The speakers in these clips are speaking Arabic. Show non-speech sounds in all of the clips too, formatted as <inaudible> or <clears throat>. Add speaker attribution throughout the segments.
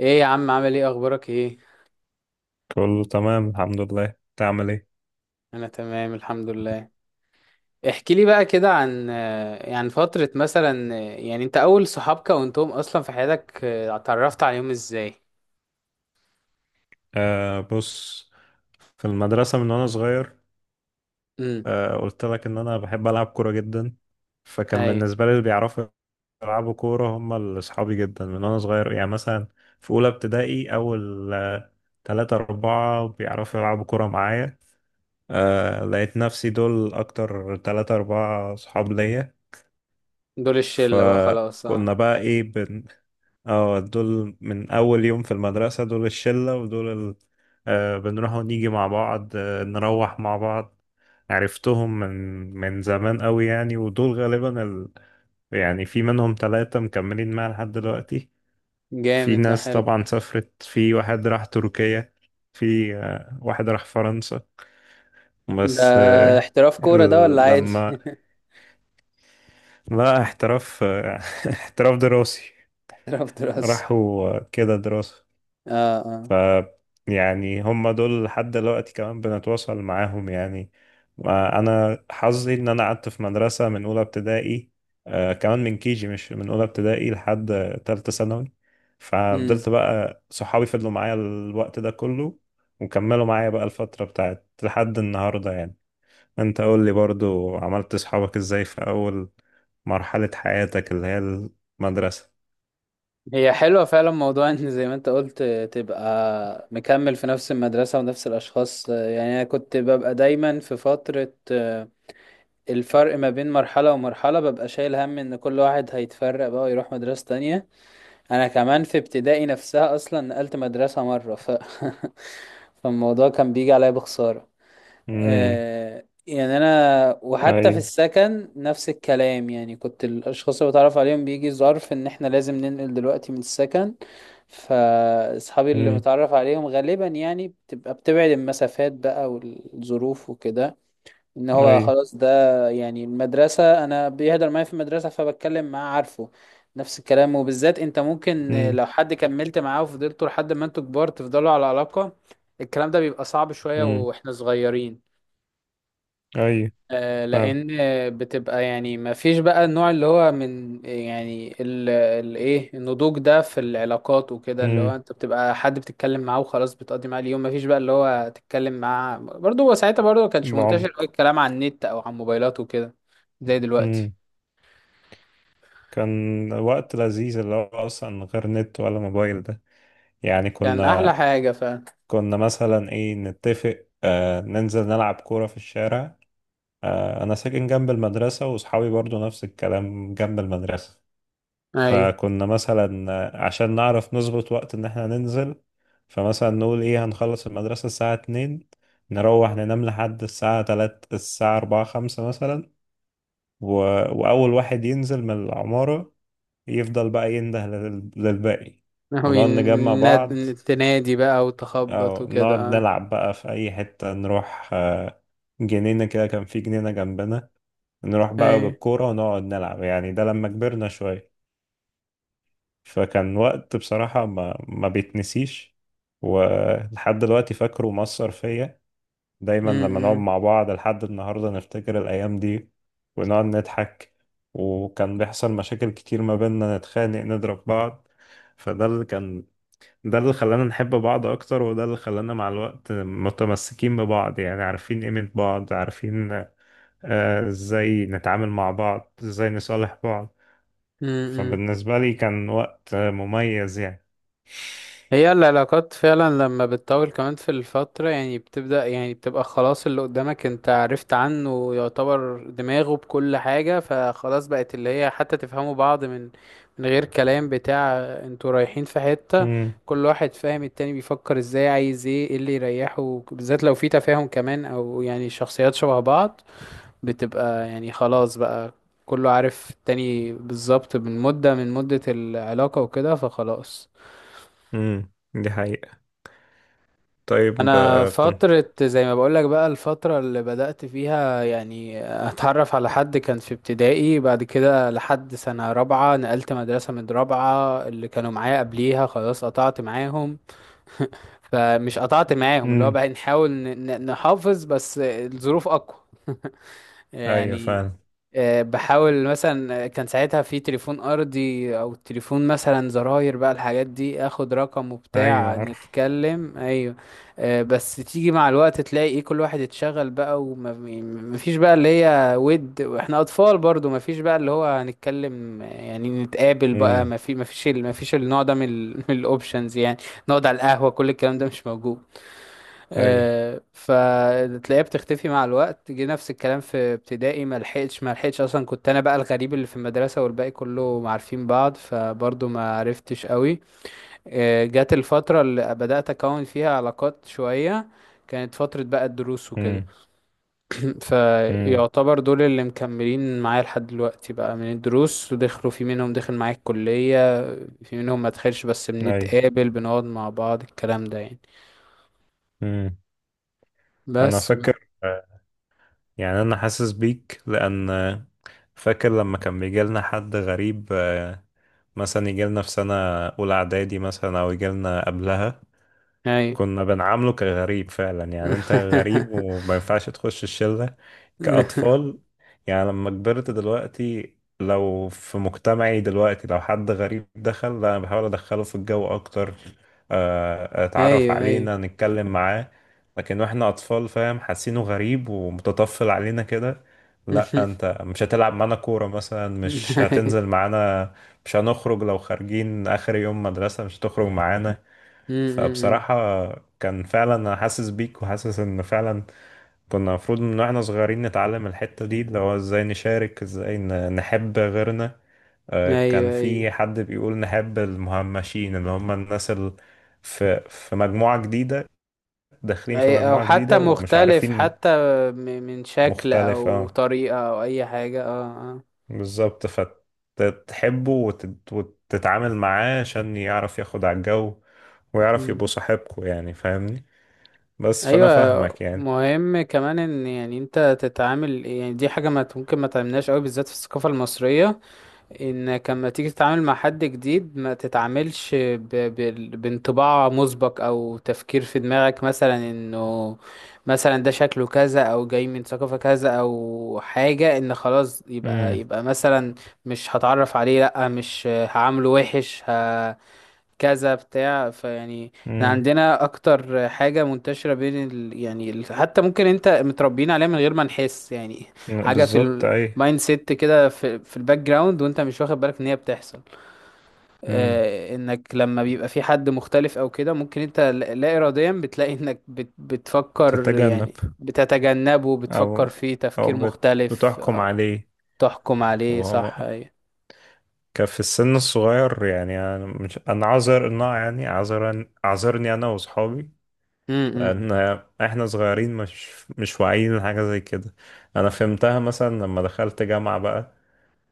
Speaker 1: ايه يا عم، عامل ايه؟ اخبارك ايه؟
Speaker 2: كله تمام، الحمد لله. تعمل ايه؟
Speaker 1: انا تمام، الحمد لله. احكي لي بقى كده عن يعني فترة مثلا يعني انت اول صحاب كونتهم اصلا في حياتك اتعرفت عليهم ازاي؟
Speaker 2: بص، في المدرسة من وانا صغير.
Speaker 1: امم.
Speaker 2: قلت لك ان انا بحب العب كورة جدا، فكان
Speaker 1: اي.
Speaker 2: بالنسبة لي اللي بيعرفوا يلعبوا كورة هم اللي اصحابي جدا من وانا صغير. يعني مثلا في اولى ابتدائي، اول تلاتة اربعة بيعرفوا يلعبوا كورة معايا. لقيت نفسي دول اكتر تلاتة اربعة صحاب ليا.
Speaker 1: دول الشلة بقى خلاص، اه.
Speaker 2: فكنا بقى ايه، اه دول من اول يوم في المدرسة، دول الشلة ودول ال... بنروح ونيجي مع بعض، نروح مع بعض. عرفتهم من زمان قوي يعني، ودول غالبا ال... يعني في منهم ثلاثة مكملين معايا لحد دلوقتي. في
Speaker 1: جامد، ده
Speaker 2: ناس
Speaker 1: حلو.
Speaker 2: طبعا سافرت، في واحد راح تركيا، في واحد راح فرنسا.
Speaker 1: ده
Speaker 2: بس
Speaker 1: احتراف كورة ده ولا
Speaker 2: ال...
Speaker 1: عادي؟
Speaker 2: لما...
Speaker 1: <laughs>
Speaker 2: لا، احتراف <laughs> احتراف دراسي.
Speaker 1: احتراف دراسي.
Speaker 2: راحوا كده دراسة.
Speaker 1: اه، اه.
Speaker 2: ف يعني هم دول لحد دلوقتي كمان بنتواصل معاهم يعني. انا حظي ان انا قعدت في مدرسة من اولى ابتدائي، كمان من كيجي، مش من اولى ابتدائي، لحد تالتة ثانوي. ففضلت
Speaker 1: امم.
Speaker 2: بقى صحابي، فضلوا معايا الوقت ده كله وكملوا معايا بقى الفترة بتاعت لحد النهاردة يعني. انت قول لي برضو، عملت صحابك ازاي في اول مرحلة حياتك اللي هي المدرسة؟
Speaker 1: هي حلوة فعلا، موضوع ان زي ما انت قلت تبقى مكمل في نفس المدرسة ونفس الأشخاص. يعني أنا كنت ببقى دايما في فترة، الفرق ما بين مرحلة ومرحلة ببقى شايل هم ان كل واحد هيتفرق بقى ويروح مدرسة تانية. انا كمان في ابتدائي نفسها اصلا نقلت مدرسة مرة <laughs> فالموضوع كان بيجي عليا بخسارة.
Speaker 2: امم.
Speaker 1: يعني انا
Speaker 2: اي.
Speaker 1: وحتى في السكن نفس الكلام، يعني كنت الاشخاص اللي بتعرف عليهم بيجي ظرف ان احنا لازم ننقل دلوقتي من السكن. فاصحابي اللي
Speaker 2: امم.
Speaker 1: متعرف عليهم غالبا يعني بتبقى بتبعد المسافات بقى والظروف وكده. ان هو
Speaker 2: اي.
Speaker 1: خلاص ده. يعني المدرسة، انا بيهدر معايا في المدرسة فبتكلم معاه عارفه. نفس الكلام، وبالذات انت ممكن لو حد كملت معاه وفضلتوا لحد ما انتوا كبار تفضلوا على علاقة، الكلام ده بيبقى صعب شوية
Speaker 2: امم.
Speaker 1: واحنا صغيرين.
Speaker 2: اي. فعلا.
Speaker 1: لان بتبقى يعني ما فيش بقى النوع اللي هو من يعني ايه، النضوج ده في العلاقات وكده، اللي
Speaker 2: امم.
Speaker 1: هو انت بتبقى حد بتتكلم معاه وخلاص بتقضي معاه اليوم. ما فيش بقى اللي هو تتكلم معاه برضه، هو ساعتها برضه ما كانش منتشر
Speaker 2: بعمق.
Speaker 1: قوي الكلام على النت او على الموبايلات وكده زي دلوقتي.
Speaker 2: امم. كان وقت لذيذ، اللي هو اصلا من غير نت ولا موبايل ده. يعني
Speaker 1: كان احلى
Speaker 2: كنا
Speaker 1: حاجة فعلا.
Speaker 2: كنا مثلا ايه، نتفق ننزل نلعب كورة في الشارع. انا ساكن جنب المدرسة واصحابي برضو نفس الكلام، جنب المدرسة.
Speaker 1: ايوه.
Speaker 2: فكنا مثلا عشان نعرف نظبط وقت ان احنا ننزل. فمثلا نقول ايه، هنخلص المدرسة الساعة 2، نروح ننام لحد الساعة 3، الساعة أربعة خمسة مثلا، و... وأول واحد ينزل من العمارة يفضل بقى ينده لل... للباقي
Speaker 1: <laughs> هو
Speaker 2: ونقعد نجمع بعض.
Speaker 1: تنادي بقى وتخبط
Speaker 2: أو
Speaker 1: وكده،
Speaker 2: نقعد
Speaker 1: اه.
Speaker 2: نلعب بقى في أي حتة، نروح جنينة كده، كان في جنينة جنبنا، نروح بقى
Speaker 1: ايوه.
Speaker 2: بالكورة ونقعد نلعب. يعني ده لما كبرنا شوية. فكان وقت بصراحة ما بيتنسيش، ولحد دلوقتي فاكره، مأثر فيا.
Speaker 1: م-
Speaker 2: دايما لما نقعد
Speaker 1: م-
Speaker 2: مع بعض لحد النهاردة نفتكر الأيام دي ونقعد نضحك. وكان بيحصل مشاكل كتير ما بيننا، نتخانق، نضرب بعض. فده اللي كان، ده اللي خلانا نحب بعض أكتر وده اللي خلانا مع الوقت متمسكين ببعض. يعني عارفين قيمة بعض، عارفين إزاي نتعامل مع بعض، إزاي نصالح بعض.
Speaker 1: م- م.
Speaker 2: فبالنسبة لي كان وقت مميز يعني.
Speaker 1: هي العلاقات فعلا لما بتطول كمان في الفترة، يعني بتبدأ يعني بتبقى خلاص اللي قدامك انت عرفت عنه، يعتبر دماغه بكل حاجة فخلاص، بقت اللي هي حتى تفهموا بعض من من غير كلام بتاع. انتوا رايحين في حتة
Speaker 2: امم.
Speaker 1: كل واحد فاهم التاني بيفكر ازاي، عايز ايه، ايه اللي يريحه، بالذات لو في تفاهم كمان، او يعني شخصيات شبه بعض. بتبقى يعني خلاص بقى كله عارف التاني بالظبط من مدة، من مدة العلاقة وكده، فخلاص.
Speaker 2: امم. دي حقيقة. طيب
Speaker 1: انا
Speaker 2: كنت...
Speaker 1: فترة زي ما بقولك بقى، الفترة اللي بدأت فيها يعني اتعرف على حد كان في ابتدائي. بعد كده لحد سنة رابعة نقلت مدرسة، من رابعة اللي كانوا معايا قبليها خلاص قطعت معاهم. <laughs> فمش قطعت معاهم، اللي هو
Speaker 2: امم.
Speaker 1: بقى نحاول نحافظ، بس الظروف اقوى
Speaker 2: ايوه
Speaker 1: يعني.
Speaker 2: فاهم.
Speaker 1: بحاول مثلا كان ساعتها في تليفون ارضي او تليفون مثلا زراير بقى، الحاجات دي، اخد رقم
Speaker 2: ايوه
Speaker 1: وبتاع
Speaker 2: عارف.
Speaker 1: نتكلم، ايوه. بس تيجي مع الوقت تلاقي ايه، كل واحد اتشغل بقى ومفيش بقى اللي هي ود، واحنا اطفال برضو مفيش بقى اللي هو هنتكلم يعني نتقابل بقى
Speaker 2: امم.
Speaker 1: مفيش النوع ده من الاوبشنز، <laughs> يعني نقعد على القهوة كل الكلام ده مش موجود.
Speaker 2: اي.
Speaker 1: فتلاقيها بتختفي مع الوقت. جه نفس الكلام في ابتدائي، ما لحقتش اصلا، كنت انا بقى الغريب اللي في المدرسه والباقي كله عارفين بعض فبرضه ما عرفتش قوي. جت الفتره اللي بدات اكون فيها علاقات شويه، كانت فتره بقى الدروس وكده.
Speaker 2: امم.
Speaker 1: <clears throat>
Speaker 2: امم.
Speaker 1: فيعتبر دول اللي مكملين معايا لحد دلوقتي بقى من الدروس، ودخلوا، في منهم دخل معايا الكليه، في منهم ما دخلش بس
Speaker 2: اي.
Speaker 1: بنتقابل بنقعد مع بعض الكلام ده يعني.
Speaker 2: امم. انا
Speaker 1: بس بقى.
Speaker 2: فاكر يعني انا حاسس بيك لان فاكر لما كان بيجي لنا حد غريب مثلا يجي لنا في سنة اولى اعدادي مثلا، او يجي لنا قبلها،
Speaker 1: هاي.
Speaker 2: كنا بنعامله كغريب فعلا. يعني انت
Speaker 1: <laughs>
Speaker 2: غريب وما ينفعش تخش الشلة، كأطفال. يعني لما كبرت دلوقتي، لو في مجتمعي دلوقتي لو حد غريب دخل، لا، انا بحاول ادخله في الجو اكتر، اتعرف
Speaker 1: ايوه، ايوه.
Speaker 2: علينا، نتكلم معاه. لكن واحنا اطفال، فاهم، حاسينه غريب ومتطفل علينا كده. لا،
Speaker 1: <laughs>
Speaker 2: انت مش هتلعب معانا كورة مثلا، مش
Speaker 1: ايوه.
Speaker 2: هتنزل معانا، مش هنخرج، لو خارجين اخر يوم مدرسة مش هتخرج معانا.
Speaker 1: أمم.
Speaker 2: فبصراحة كان فعلا أنا حاسس بيك، وحاسس إن فعلا كنا المفروض من واحنا صغيرين نتعلم الحتة دي، اللي هو إزاي نشارك، إزاي نحب غيرنا. كان
Speaker 1: ايوه، ايوه.
Speaker 2: في حد بيقول نحب المهمشين اللي هم الناس اللي في مجموعة جديدة،
Speaker 1: أي.
Speaker 2: داخلين في
Speaker 1: او
Speaker 2: مجموعة
Speaker 1: حتى
Speaker 2: جديدة ومش
Speaker 1: مختلف
Speaker 2: عارفين.
Speaker 1: حتى، من شكل
Speaker 2: مختلف،
Speaker 1: او
Speaker 2: اه.
Speaker 1: طريقة او اي حاجة، اه، اه.
Speaker 2: بالظبط، فتحبه وتتعامل معاه عشان يعرف ياخد على الجو، ويعرف
Speaker 1: أمم.
Speaker 2: يبقوا صاحبكوا. يعني فاهمني؟ بس فأنا
Speaker 1: ايوه.
Speaker 2: فاهمك يعني.
Speaker 1: مهم كمان ان يعني انت تتعامل، يعني دي حاجة ما ممكن ما تعملناش قوي بالذات في الثقافة المصرية، انك لما تيجي تتعامل مع حد جديد ما تتعاملش بانطباع مسبق او تفكير في دماغك، مثلا انه مثلا ده شكله كذا او جاي من ثقافة كذا او حاجة، ان خلاص يبقى
Speaker 2: مم.
Speaker 1: يبقى مثلا مش هتعرف عليه، لا مش هعامله وحش كذا بتاع. فيعني احنا
Speaker 2: مم.
Speaker 1: عندنا اكتر حاجة منتشرة بين يعني حتى ممكن انت متربيين عليها من غير ما نحس، يعني حاجة في
Speaker 2: بالظبط. أي.
Speaker 1: المايند سيت كده في الباك جراوند، وانت مش واخد بالك ان هي بتحصل.
Speaker 2: مم.
Speaker 1: آه، انك لما بيبقى في حد مختلف او كده ممكن انت لا اراديا بتلاقي انك بتفكر،
Speaker 2: تتجنب.
Speaker 1: يعني بتتجنبه،
Speaker 2: أو،
Speaker 1: بتفكر فيه تفكير مختلف،
Speaker 2: بتحكم
Speaker 1: آه.
Speaker 2: عليه.
Speaker 1: تحكم عليه،
Speaker 2: وهو
Speaker 1: صح، ايوه.
Speaker 2: كان في السن الصغير. يعني أنا مش، أنا عذر إنه يعني عذرا، عذرني أنا وأصحابي،
Speaker 1: امم،
Speaker 2: لأن إحنا صغيرين، مش واعيين لحاجة زي كده. أنا فهمتها مثلا لما دخلت جامعة بقى،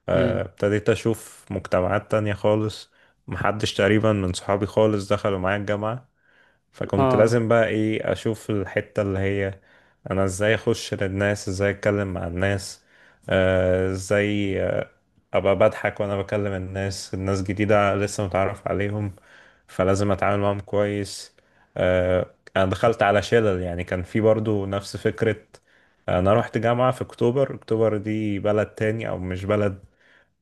Speaker 1: امم.
Speaker 2: ابتديت أشوف مجتمعات تانية خالص. محدش تقريبا من صحابي خالص دخلوا معايا الجامعة، فكنت
Speaker 1: اه،
Speaker 2: لازم بقى ايه اشوف الحتة اللي هي انا ازاي اخش للناس، ازاي اتكلم مع الناس، ازاي ابقى بضحك وانا بكلم الناس، الناس جديدة لسه متعرف عليهم، فلازم اتعامل معاهم كويس. انا دخلت على شلل، يعني كان في برضو نفس فكرة. انا رحت جامعة في اكتوبر. اكتوبر دي بلد تاني، او مش بلد،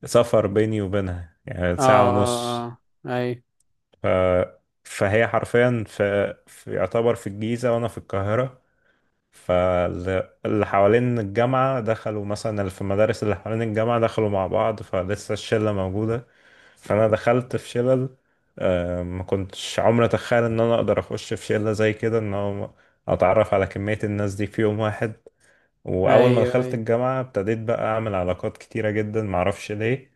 Speaker 2: سفر بيني وبينها يعني
Speaker 1: اه،
Speaker 2: ساعة ونص.
Speaker 1: اه، اه. ايوه،
Speaker 2: ف... فهي حرفيا في يعتبر في الجيزة وأنا في القاهرة. فاللي حوالين الجامعة دخلوا مثلا، اللي في المدارس اللي حوالين الجامعة دخلوا مع بعض، فلسه الشلة موجودة. فأنا دخلت في شلل، ما كنتش عمري أتخيل إن أنا أقدر أخش في شلة زي كده، إن هو أتعرف على كمية الناس دي في يوم واحد. واول ما
Speaker 1: ايوه.
Speaker 2: دخلت
Speaker 1: ايوه.
Speaker 2: الجامعه ابتديت بقى اعمل علاقات كتيره جدا معرفش ليه.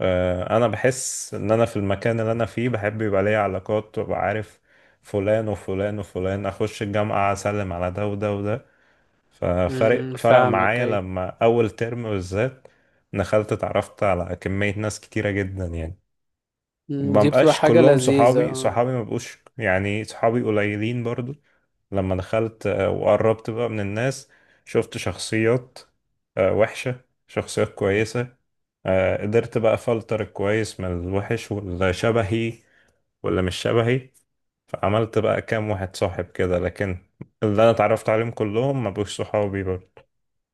Speaker 2: انا بحس ان انا في المكان اللي انا فيه بحب يبقى ليا علاقات وابقى عارف فلان وفلان وفلان، اخش الجامعه اسلم على ده وده وده.
Speaker 1: امم،
Speaker 2: ففرق
Speaker 1: فاهمك،
Speaker 2: معايا
Speaker 1: اي.
Speaker 2: لما اول ترم بالذات دخلت، اتعرفت على كميه ناس كتيره جدا يعني.
Speaker 1: مم،
Speaker 2: ما
Speaker 1: دي بتبقى
Speaker 2: بقاش
Speaker 1: حاجة
Speaker 2: كلهم
Speaker 1: لذيذة،
Speaker 2: صحابي،
Speaker 1: اه.
Speaker 2: صحابي ما بقوش، يعني صحابي قليلين برضو. لما دخلت وقربت بقى من الناس، شفت شخصيات وحشة، شخصيات كويسة، قدرت بقى أفلتر الكويس من الوحش، واللي شبهي واللي مش شبهي. فعملت بقى كام واحد صاحب كده، لكن اللي أنا اتعرفت عليهم كلهم ما بقوش صحابي برضه.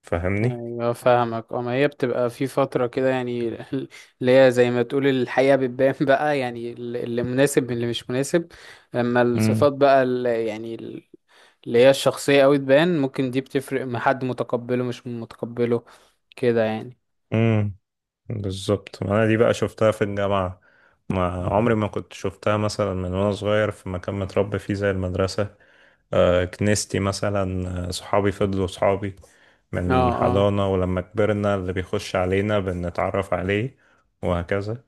Speaker 2: فاهمني؟
Speaker 1: ايوه فاهمك، اه. ما هي بتبقى في فترة كده يعني، <laughs> اللي هي زي ما تقول الحقيقة بتبان <laughs> بقى، يعني اللي مناسب من اللي مش مناسب، لما الصفات
Speaker 2: امم.
Speaker 1: بقى اللي يعني اللي هي الشخصية اوي تبان، ممكن دي بتفرق مع حد متقبله مش متقبله كده يعني.
Speaker 2: امم. بالظبط. ما انا دي بقى شفتها في الجامعة، ما عمري ما كنت شفتها مثلا من وانا صغير في مكان متربي فيه زي المدرسة. كنيستي مثلا، صحابي فضلوا صحابي
Speaker 1: اه،
Speaker 2: من
Speaker 1: اه،
Speaker 2: حضانة، ولما كبرنا اللي بيخش علينا بنتعرف عليه وهكذا.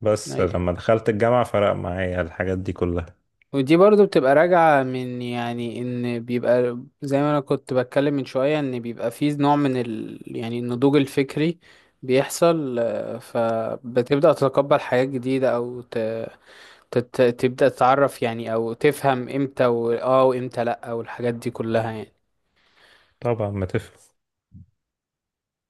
Speaker 2: بس
Speaker 1: اي.
Speaker 2: لما دخلت الجامعة فرق معايا الحاجات دي كلها.
Speaker 1: ودي برضو بتبقى راجعة من يعني ان بيبقى زي ما انا كنت بتكلم من شوية ان بيبقى فيه نوع من ال يعني النضوج الفكري بيحصل. فبتبدأ تتقبل حاجات جديدة، او تبدأ تتعرف يعني او تفهم امتى اه، وامتى لأ، والحاجات دي كلها يعني.
Speaker 2: طبعا، ما تفهم.